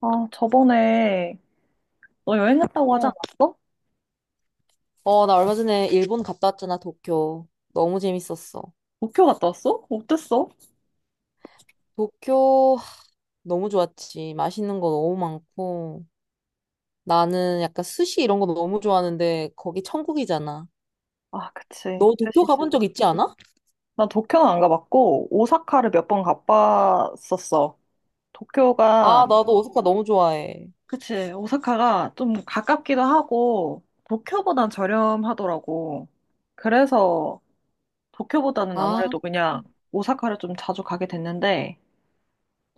아, 저번에 너 여행 갔다고 하지 어, 않았어? 나 얼마 전에 일본 갔다 왔잖아, 도쿄. 너무 재밌었어. 도쿄 갔다 왔어? 어땠어? 도쿄 너무 좋았지. 맛있는 거 너무 많고. 나는 약간 스시 이런 거 너무 좋아하는데 거기 천국이잖아. 아, 그치. 너 도쿄 사실 가본 적 있지 않아? 나 도쿄는 안 가봤고 오사카를 몇 번 가봤었어. 도쿄가 아, 나도 오사카 너무 좋아해. 그치. 오사카가 좀 가깝기도 하고 도쿄보단 저렴하더라고. 그래서 도쿄보다는 아, 아무래도 그냥 오사카를 좀 자주 가게 됐는데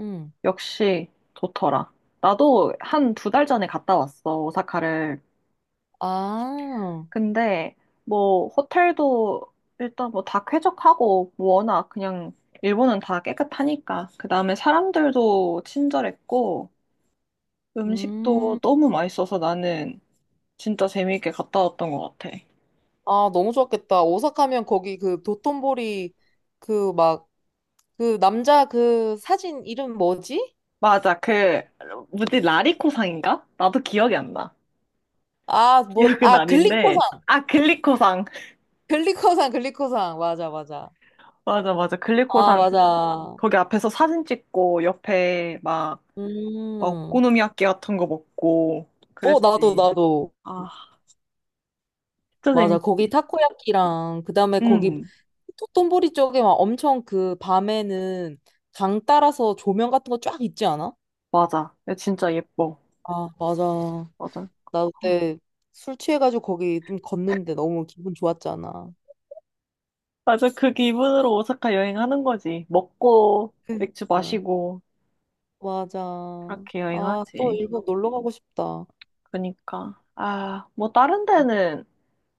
응. 역시 좋더라. 나도 한 두 달 전에 갔다 왔어, 오사카를. 아, 근데 뭐 호텔도 일단 뭐 다 쾌적하고 뭐 워낙 그냥 일본은 다 깨끗하니까 그 다음에 사람들도 친절했고 음식도 음. 너무 맛있어서 나는 진짜 재미있게 갔다 왔던 것 같아. 아, 너무 좋았겠다. 오사카면 거기 그 도톤보리 그 막 그 남자 그 사진 이름 뭐지? 맞아 그 뭐지 라리코상인가? 나도 기억이 안 나. 아, 뭐, 기억은 아, 글리코 아닌데 아 글리코상 글리코산, 글리코산. 맞아, 맞아. 맞아 맞아 아, 글리코상 맞아. 거기 앞에서 사진 찍고 옆에 막 막 음. 오코노미야끼 같은 거 먹고 어, 나도, 그랬지. 나도. 아 진짜 맞아. 거기 재밌지. 타코야키랑, 그 다음에 거기 응, 토톤보리 쪽에 막 엄청 그 밤에는 강 따라서 조명 같은 거 쫙 있지 않아? 맞아. 야, 진짜 예뻐. 아, 맞아. 맞아. 나 어. 그때 술 취해가지고 거기 좀 걷는데 너무 기분 좋았잖아. 맞아. 그 기분으로 오사카 여행하는 거지. 먹고, 맥주 그러니까. 마시고, 맞아. 그렇게 아, 또 여행하지. 일본 놀러 가고 싶다. 그니까. 아, 뭐, 다른 응. 데는,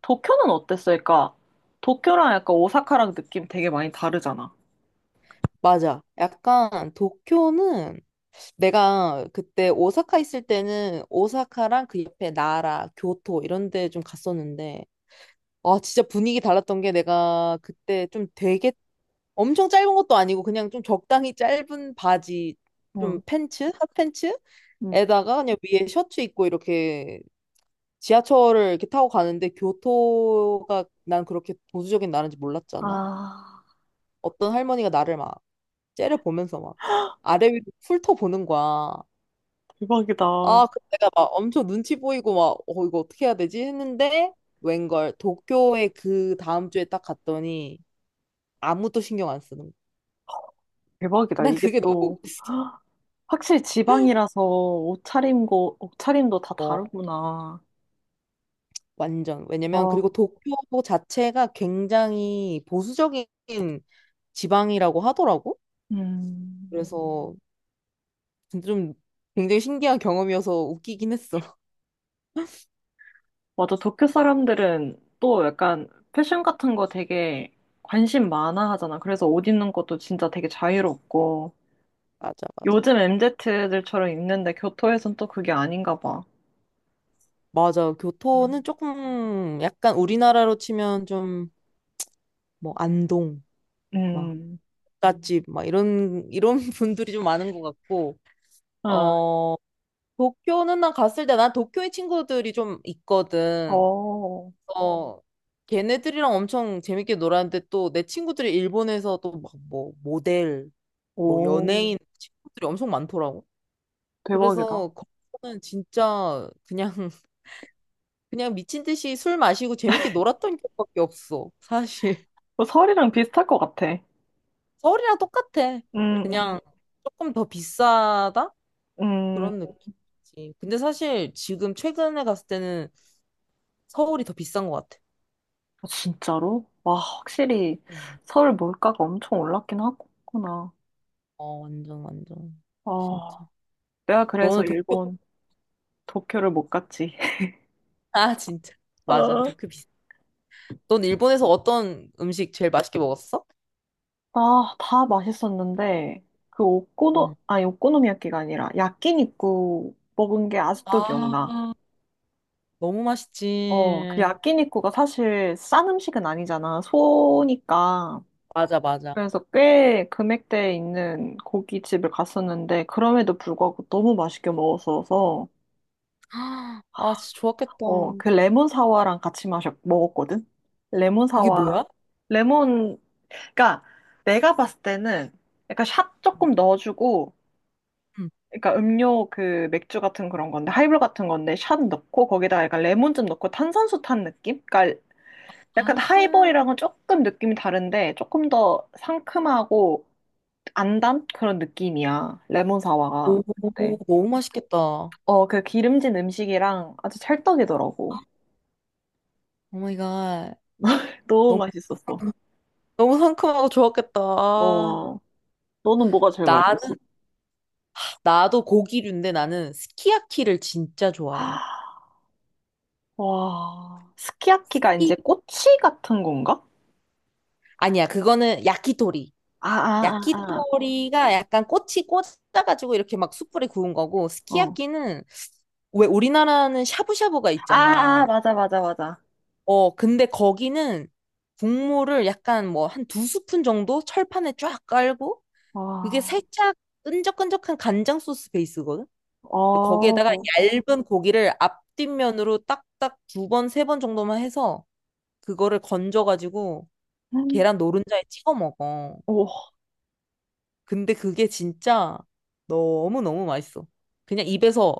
도쿄는 어땠어? 그러니까, 도쿄랑 약간 오사카랑 느낌 되게 많이 다르잖아. 맞아. 약간 도쿄는 내가 그때 오사카 있을 때는 오사카랑 그 옆에 나라, 교토 이런 데 좀 갔었는데, 아, 진짜 분위기 달랐던 게 내가 그때 좀 되게 엄청 짧은 것도 아니고 그냥 좀 적당히 짧은 바지, 좀 응, 팬츠, 응. 핫팬츠에다가 그냥 위에 셔츠 입고 이렇게 지하철을 이렇게 타고 가는데 교토가 난 그렇게 보수적인 나라인지 몰랐잖아. 아, 어떤 할머니가 나를 막 째려보면서 막 아래 위로 훑어보는 거야. 대박이다. 아, 그 내가 막 엄청 눈치 보이고 막, 이거 어떻게 해야 되지? 했는데, 웬걸, 도쿄에 그 다음 주에 딱 갔더니 아무도 신경 안 쓰는 거야. 대박이다. 난 이게 그게 너무 또, 웃겼어. 확실히 지방이라서 옷차림도 다 어, 다르구나. 완전. 왜냐면, 어, 그리고 도쿄 자체가 굉장히 보수적인 지방이라고 하더라고. 음. 그래서 진짜 좀 굉장히 신기한 경험이어서 웃기긴 했어. 맞아. 도쿄 사람들은 또 약간 패션 같은 거 되게 관심 많아 하잖아. 그래서 옷 입는 것도 진짜 되게 자유롭고. 맞아, 맞아. 요즘 MZ들처럼 입는데 교토에선 또 그게 아닌가 봐. 맞아. 교토는 조금 약간 우리나라로 치면 좀 뭐 안동. 막 음. 갓집 막 이런 분들이 좀 많은 것 같고 어. 어 도쿄는 난 갔을 때 난 도쿄의 친구들이 좀 있거든. 어. 어 걔네들이랑 엄청 재밌게 놀았는데 또 내 친구들이 일본에서 또 막 뭐 모델 뭐 오. 연예인 친구들이 엄청 많더라고. 대박이다. 그래서 거기는 진짜 그냥 그냥 미친 듯이 술 마시고 재밌게 놀았던 기억밖에 없어. 사실 어, 설이랑 비슷할 것 같아. 서울이랑 똑같아. 음, 음, 그냥 조금 더 비싸다? 음. 그런 느낌이지. 근데 사실 지금 최근에 갔을 때는 서울이 더 비싼 것 같아. 아, 진짜로? 와, 확실히 음. 서울 물가가 엄청 올랐긴 하구나. 어, 완전, 완전. 아, 진짜. 내가 그래서 너는 도쿄, 일본 도쿄를 못 갔지. 아, 진짜. 맞아, 어. 도쿄 비싸. 넌 일본에서 어떤 음식 제일 맛있게 먹었어? 아, 다 맛있었는데, 그 오코노, 어. 아니, 오코노미야끼가 아니라, 야끼니쿠 먹은 게 아직도 아, 기억나. 너무 어, 그 맛있지. 야끼니쿠가 사실 싼 음식은 아니잖아. 소니까. 맞아, 맞아. 그래서 꽤 금액대에 있는 고깃집을 갔었는데, 그럼에도 불구하고 너무 맛있게 먹었어서, 아, 진짜 좋았겠다. 어, 그 레몬 사와랑 같이 먹었거든? 레몬 그게 사와, 뭐야? 레몬, 그니까 내가 봤을 때는 약간 샷 조금 넣어주고, 응. 그러니까 음료 그 맥주 같은 그런 건데 하이볼 같은 건데 샷 넣고 거기다가 약간 레몬 즙 넣고 탄산수 탄 느낌? 그러니까 약간 나는 하이볼이랑은 조금 느낌이 다른데 조금 더 상큼하고 안 단 그런 느낌이야 레몬 사와가. 오, 네. 너무 맛있겠다. 오 어 그 기름진 음식이랑 아주 찰떡이더라고. 마이 갓. 너무 너무, 맛있었어. 너무 상큼하고 좋았겠다. 아, 어 너는 뭐가 제일 맛있었어? 나도 고기류인데 나는 스키야키를 진짜 아, 좋아해. 와 스키야키가 이제 스키- 꼬치 같은 건가? 아니야, 그거는 야키토리. 아 아, 아, 야키토리가 약간 꼬치 꽂아가지고 이렇게 막 숯불에 구운 거고, 아. 어. 스키야키는 왜 우리나라는 샤브샤브가 아, 아, 있잖아. 맞아, 맞아, 맞아. 어, 근데 거기는 국물을 약간 뭐 한 두 스푼 정도 철판에 쫙 깔고, 그게 와, 살짝 끈적끈적한 간장 소스 베이스거든? 근데 어, 거기에다가 얇은 고기를 앞뒷면으로 딱딱 두 번, 세 번 정도만 해서 그거를 건져가지고 음, 계란 노른자에 찍어 먹어. 오, 근데 그게 진짜 너무너무 맛있어. 그냥 입에서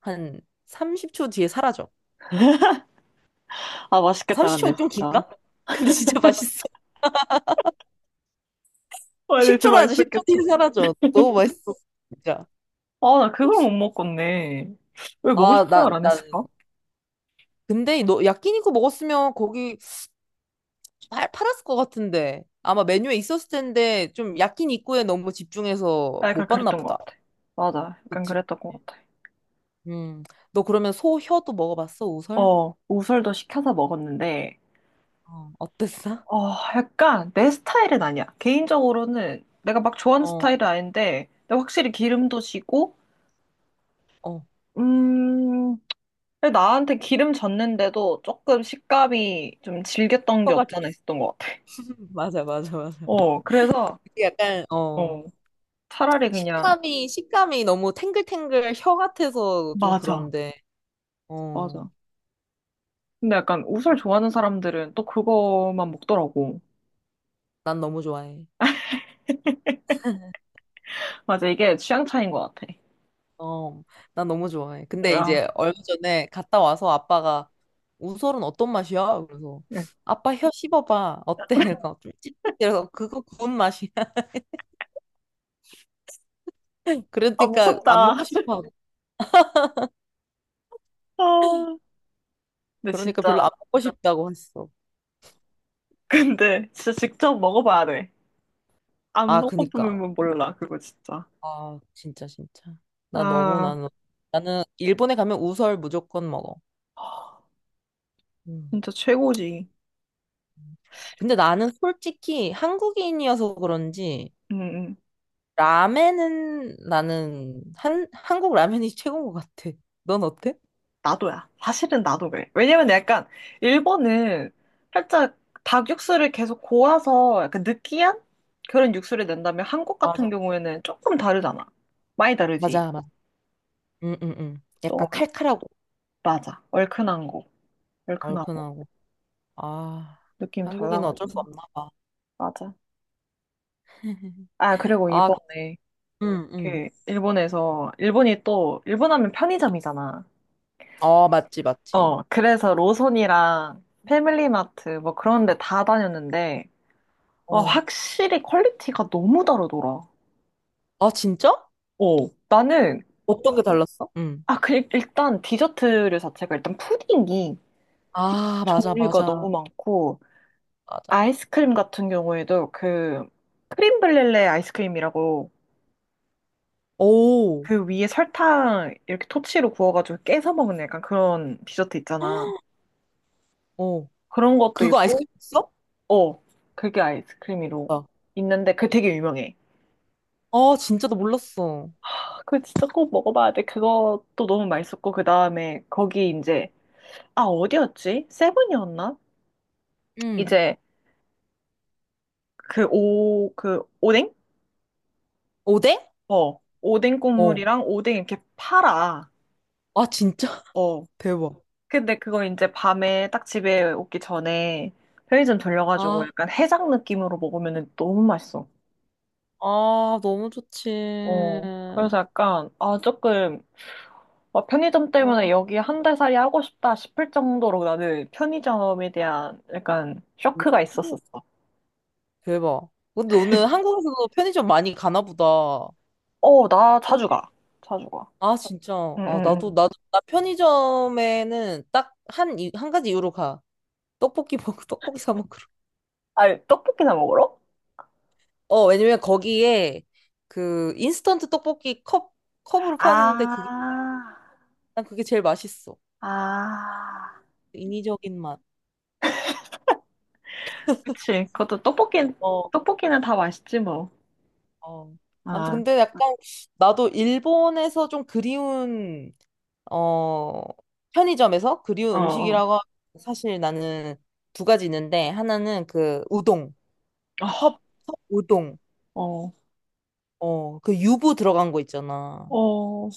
한 30초 뒤에 사라져. 아, 아, 맛있겠다, 근데, 30초 좀 진짜. 긴가? 근데 진짜 맛있어. 와, 근데 진짜 10초로 하자. 10초 뒤에 맛있었겠다. 사라져. 너무 맛있어. 진짜. 아, 나 그걸 못 먹었네. 왜 먹을 아, 나, 생각을 안 나. 했을까? 근데 너 야끼니쿠 먹었으면 거기 팔았을 것 같은데. 아마 메뉴에 있었을 텐데 좀 야끼니쿠에 너무 집중해서 아, 못 약간 봤나 그랬던 보다. 것 같아. 맞아, 약간 그치. 그랬던 것 같아. 음. 너 그러면 소 혀도 먹어봤어? 우설? 어, 우설도 시켜서 먹었는데, 어, 어땠어? 어, 약간 내 스타일은 아니야. 개인적으로는 내가 막 좋아하는 어, 스타일은 아닌데, 근데 확실히 기름도 지고, 어. 음, 근데 나한테 기름 졌는데도 조금 식감이 좀 질겼던 게 혀가 없잖아 있었던 것 같아. 맞아, 맞아, 맞아. 어, 그래서 이게 약간 어, 차라리 그냥, 식감이 너무 탱글탱글 혀 같아서 좀 맞아. 그런데 어 맞아. 근데 약간 옷을 좋아하는 사람들은 또 그거만 먹더라고. 난 너무 좋아해 맞아, 이게 취향 차이인 것 같아. 어 난 너무 좋아해 근데 아, 이제 얼마 전에 갔다 와서 아빠가 우설은 어떤 맛이야? 그래서 예. 아빠 혀 씹어봐 어때? 그러니까 좀 찝찝해서 그거 구운 맛이야 아 그러니까 안 무섭다. 먹고 싶어 아, 근데 그러니까 별로 진짜, 안 먹고 싶다고 했어 근데 진짜 직접 먹어봐야 돼. 안 아, 그니까. 먹어보면 몰라, 그거 진짜. 아, 진짜, 진짜. 나 너무 아, 나는, 나는 일본에 가면 우설 무조건 먹어. 음. 진짜 최고지. 근데 나는 솔직히 한국인이어서 그런지, 응, 응. 라멘은 나는 한국 라면이 최고인 것 같아. 넌 어때? 나도야. 사실은 나도 그래. 왜냐면 약간 일본은 살짝 닭 육수를 계속 고아서 약간 느끼한 그런 육수를 낸다면 한국 같은 맞아. 경우에는 조금 다르잖아. 많이 다르지. 맞아, 맞아. 응, 응, 응. 또 약간 칼칼하고, 맞아. 얼큰한 거. 얼큰하고 얼큰하고. 아, 느낌 한국인은 어쩔 수 달라가지고. 없나 봐. 맞아. 아, 그리고 아, 이번에 응, 응. 그 일본에서 일본 하면 편의점이잖아. 아, 맞지, 맞지. 어, 그래서 로손이랑 패밀리마트 뭐 그런 데 다 다녔는데 어, 어. 확실히 퀄리티가 너무 다르더라. 아, 진짜? 어, 나는, 어떤 게 달랐어? 응. 아, 그, 일단 디저트류 자체가 일단 푸딩이 아, 맞아, 종류가 맞아, 너무 많고, 맞아. 아이스크림 같은 경우에도 그, 크림 블렐레 아이스크림이라고 오, 그 위에 설탕 이렇게 토치로 구워가지고 깨서 먹는 약간 그런 디저트 있잖아. 어. 그런 것도 그거 아이스크림 있고, 있어? 어, 그게 아이스크림으로 아, 있는데 그게 되게 유명해. 아, 진짜 나 몰랐어. 아, 그거 진짜 꼭 먹어봐야 돼. 그것도 너무 맛있었고, 그 다음에 거기 이제, 아, 어디였지? 세븐이었나? 응. 이제 그 오뎅? 오뎅? 어, 오뎅 어. 국물이랑 오뎅 이렇게 팔아. 아, 진짜? 어. 대박. 근데 그거 이제 밤에 딱 집에 오기 전에 편의점 아, 돌려가지고 약간 해장 느낌으로 먹으면 너무 맛있어. 아, 너무 좋지. 어. 그래서 약간, 아, 조금, 어, 편의점 아, 때문에 여기 한달 살이 하고 싶다 싶을 정도로 나는 편의점에 대한 약간 쇼크가 오, 있었었어. 대박. 근데 너는 한국에서도 편의점 많이 가나 보다. 어, 나 자주 그치? 가. 자주 가. 아, 진짜. 응, 아, 응, 나도, 응. 나도, 나 편의점에는 딱 한 가지 이유로 가. 떡볶이 먹고, 떡볶이 사 먹고. 아, 떡볶이나 먹으러? 어, 왜냐면 거기에 그 인스턴트 떡볶이 컵으로 파는데 그게, 아, 난 그게 제일 맛있어. 아. 인위적인 맛. 그치. 어, 떡볶이는 다 맛있지, 뭐. 어. 아무튼 아, 근데 약간 나도 일본에서 좀 어, 편의점에서 그리운 어, 어, 음식이라고 하면 사실 나는 두 가지 있는데 하나는 그 우동, 컵, 어, 컵 우동. 어, 어, 그 유부 들어간 거 있잖아. 어.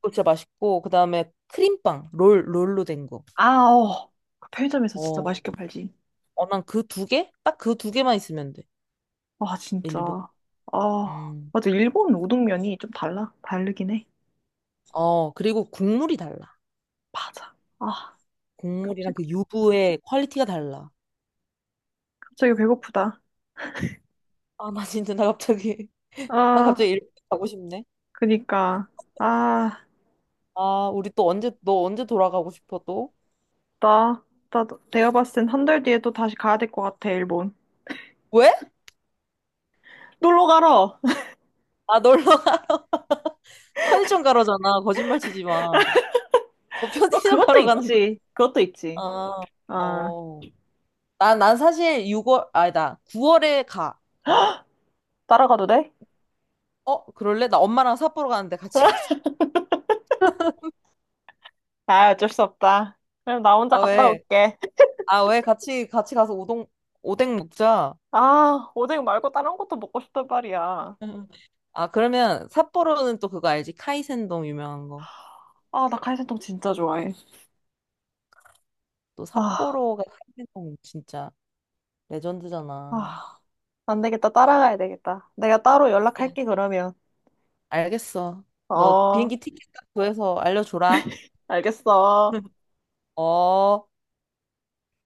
그거 진짜 맛있고, 그 다음에 크림빵, 롤로 된 거. 아, 어. 그 편의점에서 진짜 어, 맛있게 팔지. 어, 난 그 두 개? 딱 그 두 개만 있으면 돼. 와, 진짜. 일본. 아, 음. 맞아. 일본 우동면이 좀 달라. 다르긴 해. 어, 그리고 국물이 달라. 맞아. 아, 국물이랑 갑자기, 그 유부의 퀄리티가 달라. 갑자기 배고프다. 아, 나 진짜, 나 갑자기, 나 아, 갑자기 일본 가고 싶네. 그니까. 아, 아, 우리 또 언제, 너 언제 돌아가고 싶어, 또? 나, 나, 내가 봤을 땐 한 달 뒤에 또 다시 가야 될 것 같아, 일본. 왜? 놀러 가러. 아, 놀러 가. 편의점 가러잖아. 거짓말 치지 마. 너 어, 편의점 그것도 가러 가는 거야. 있지. 그것도 있지. 아, 아, 어. 난 사실 6월, 아니다. 9월에 가. 따라가도 돼? 어, 그럴래? 나 엄마랑 삿포로 가는데 같이 가자. 아, 어쩔 수 없다. 그럼 나 혼자 아, 갔다 왜? 올게. 아, 왜 같이 같이 가서 오동 오뎅 먹자. 아, 오뎅 말고 다른 것도 먹고 싶단 말이야. 응. 아, 그러면 삿포로는 또 그거 알지? 카이센동 유명한 거. 아, 나칼이센동 진짜 좋아해. 또 아, 삿포로가 카이센동 진짜 레전드잖아. 아, 안 되겠다. 따라가야 되겠다. 내가 따로 연락할게, 그러면. 알겠어. 너 어, 비행기 티켓 딱 구해서 알려줘라. 알겠어. 어.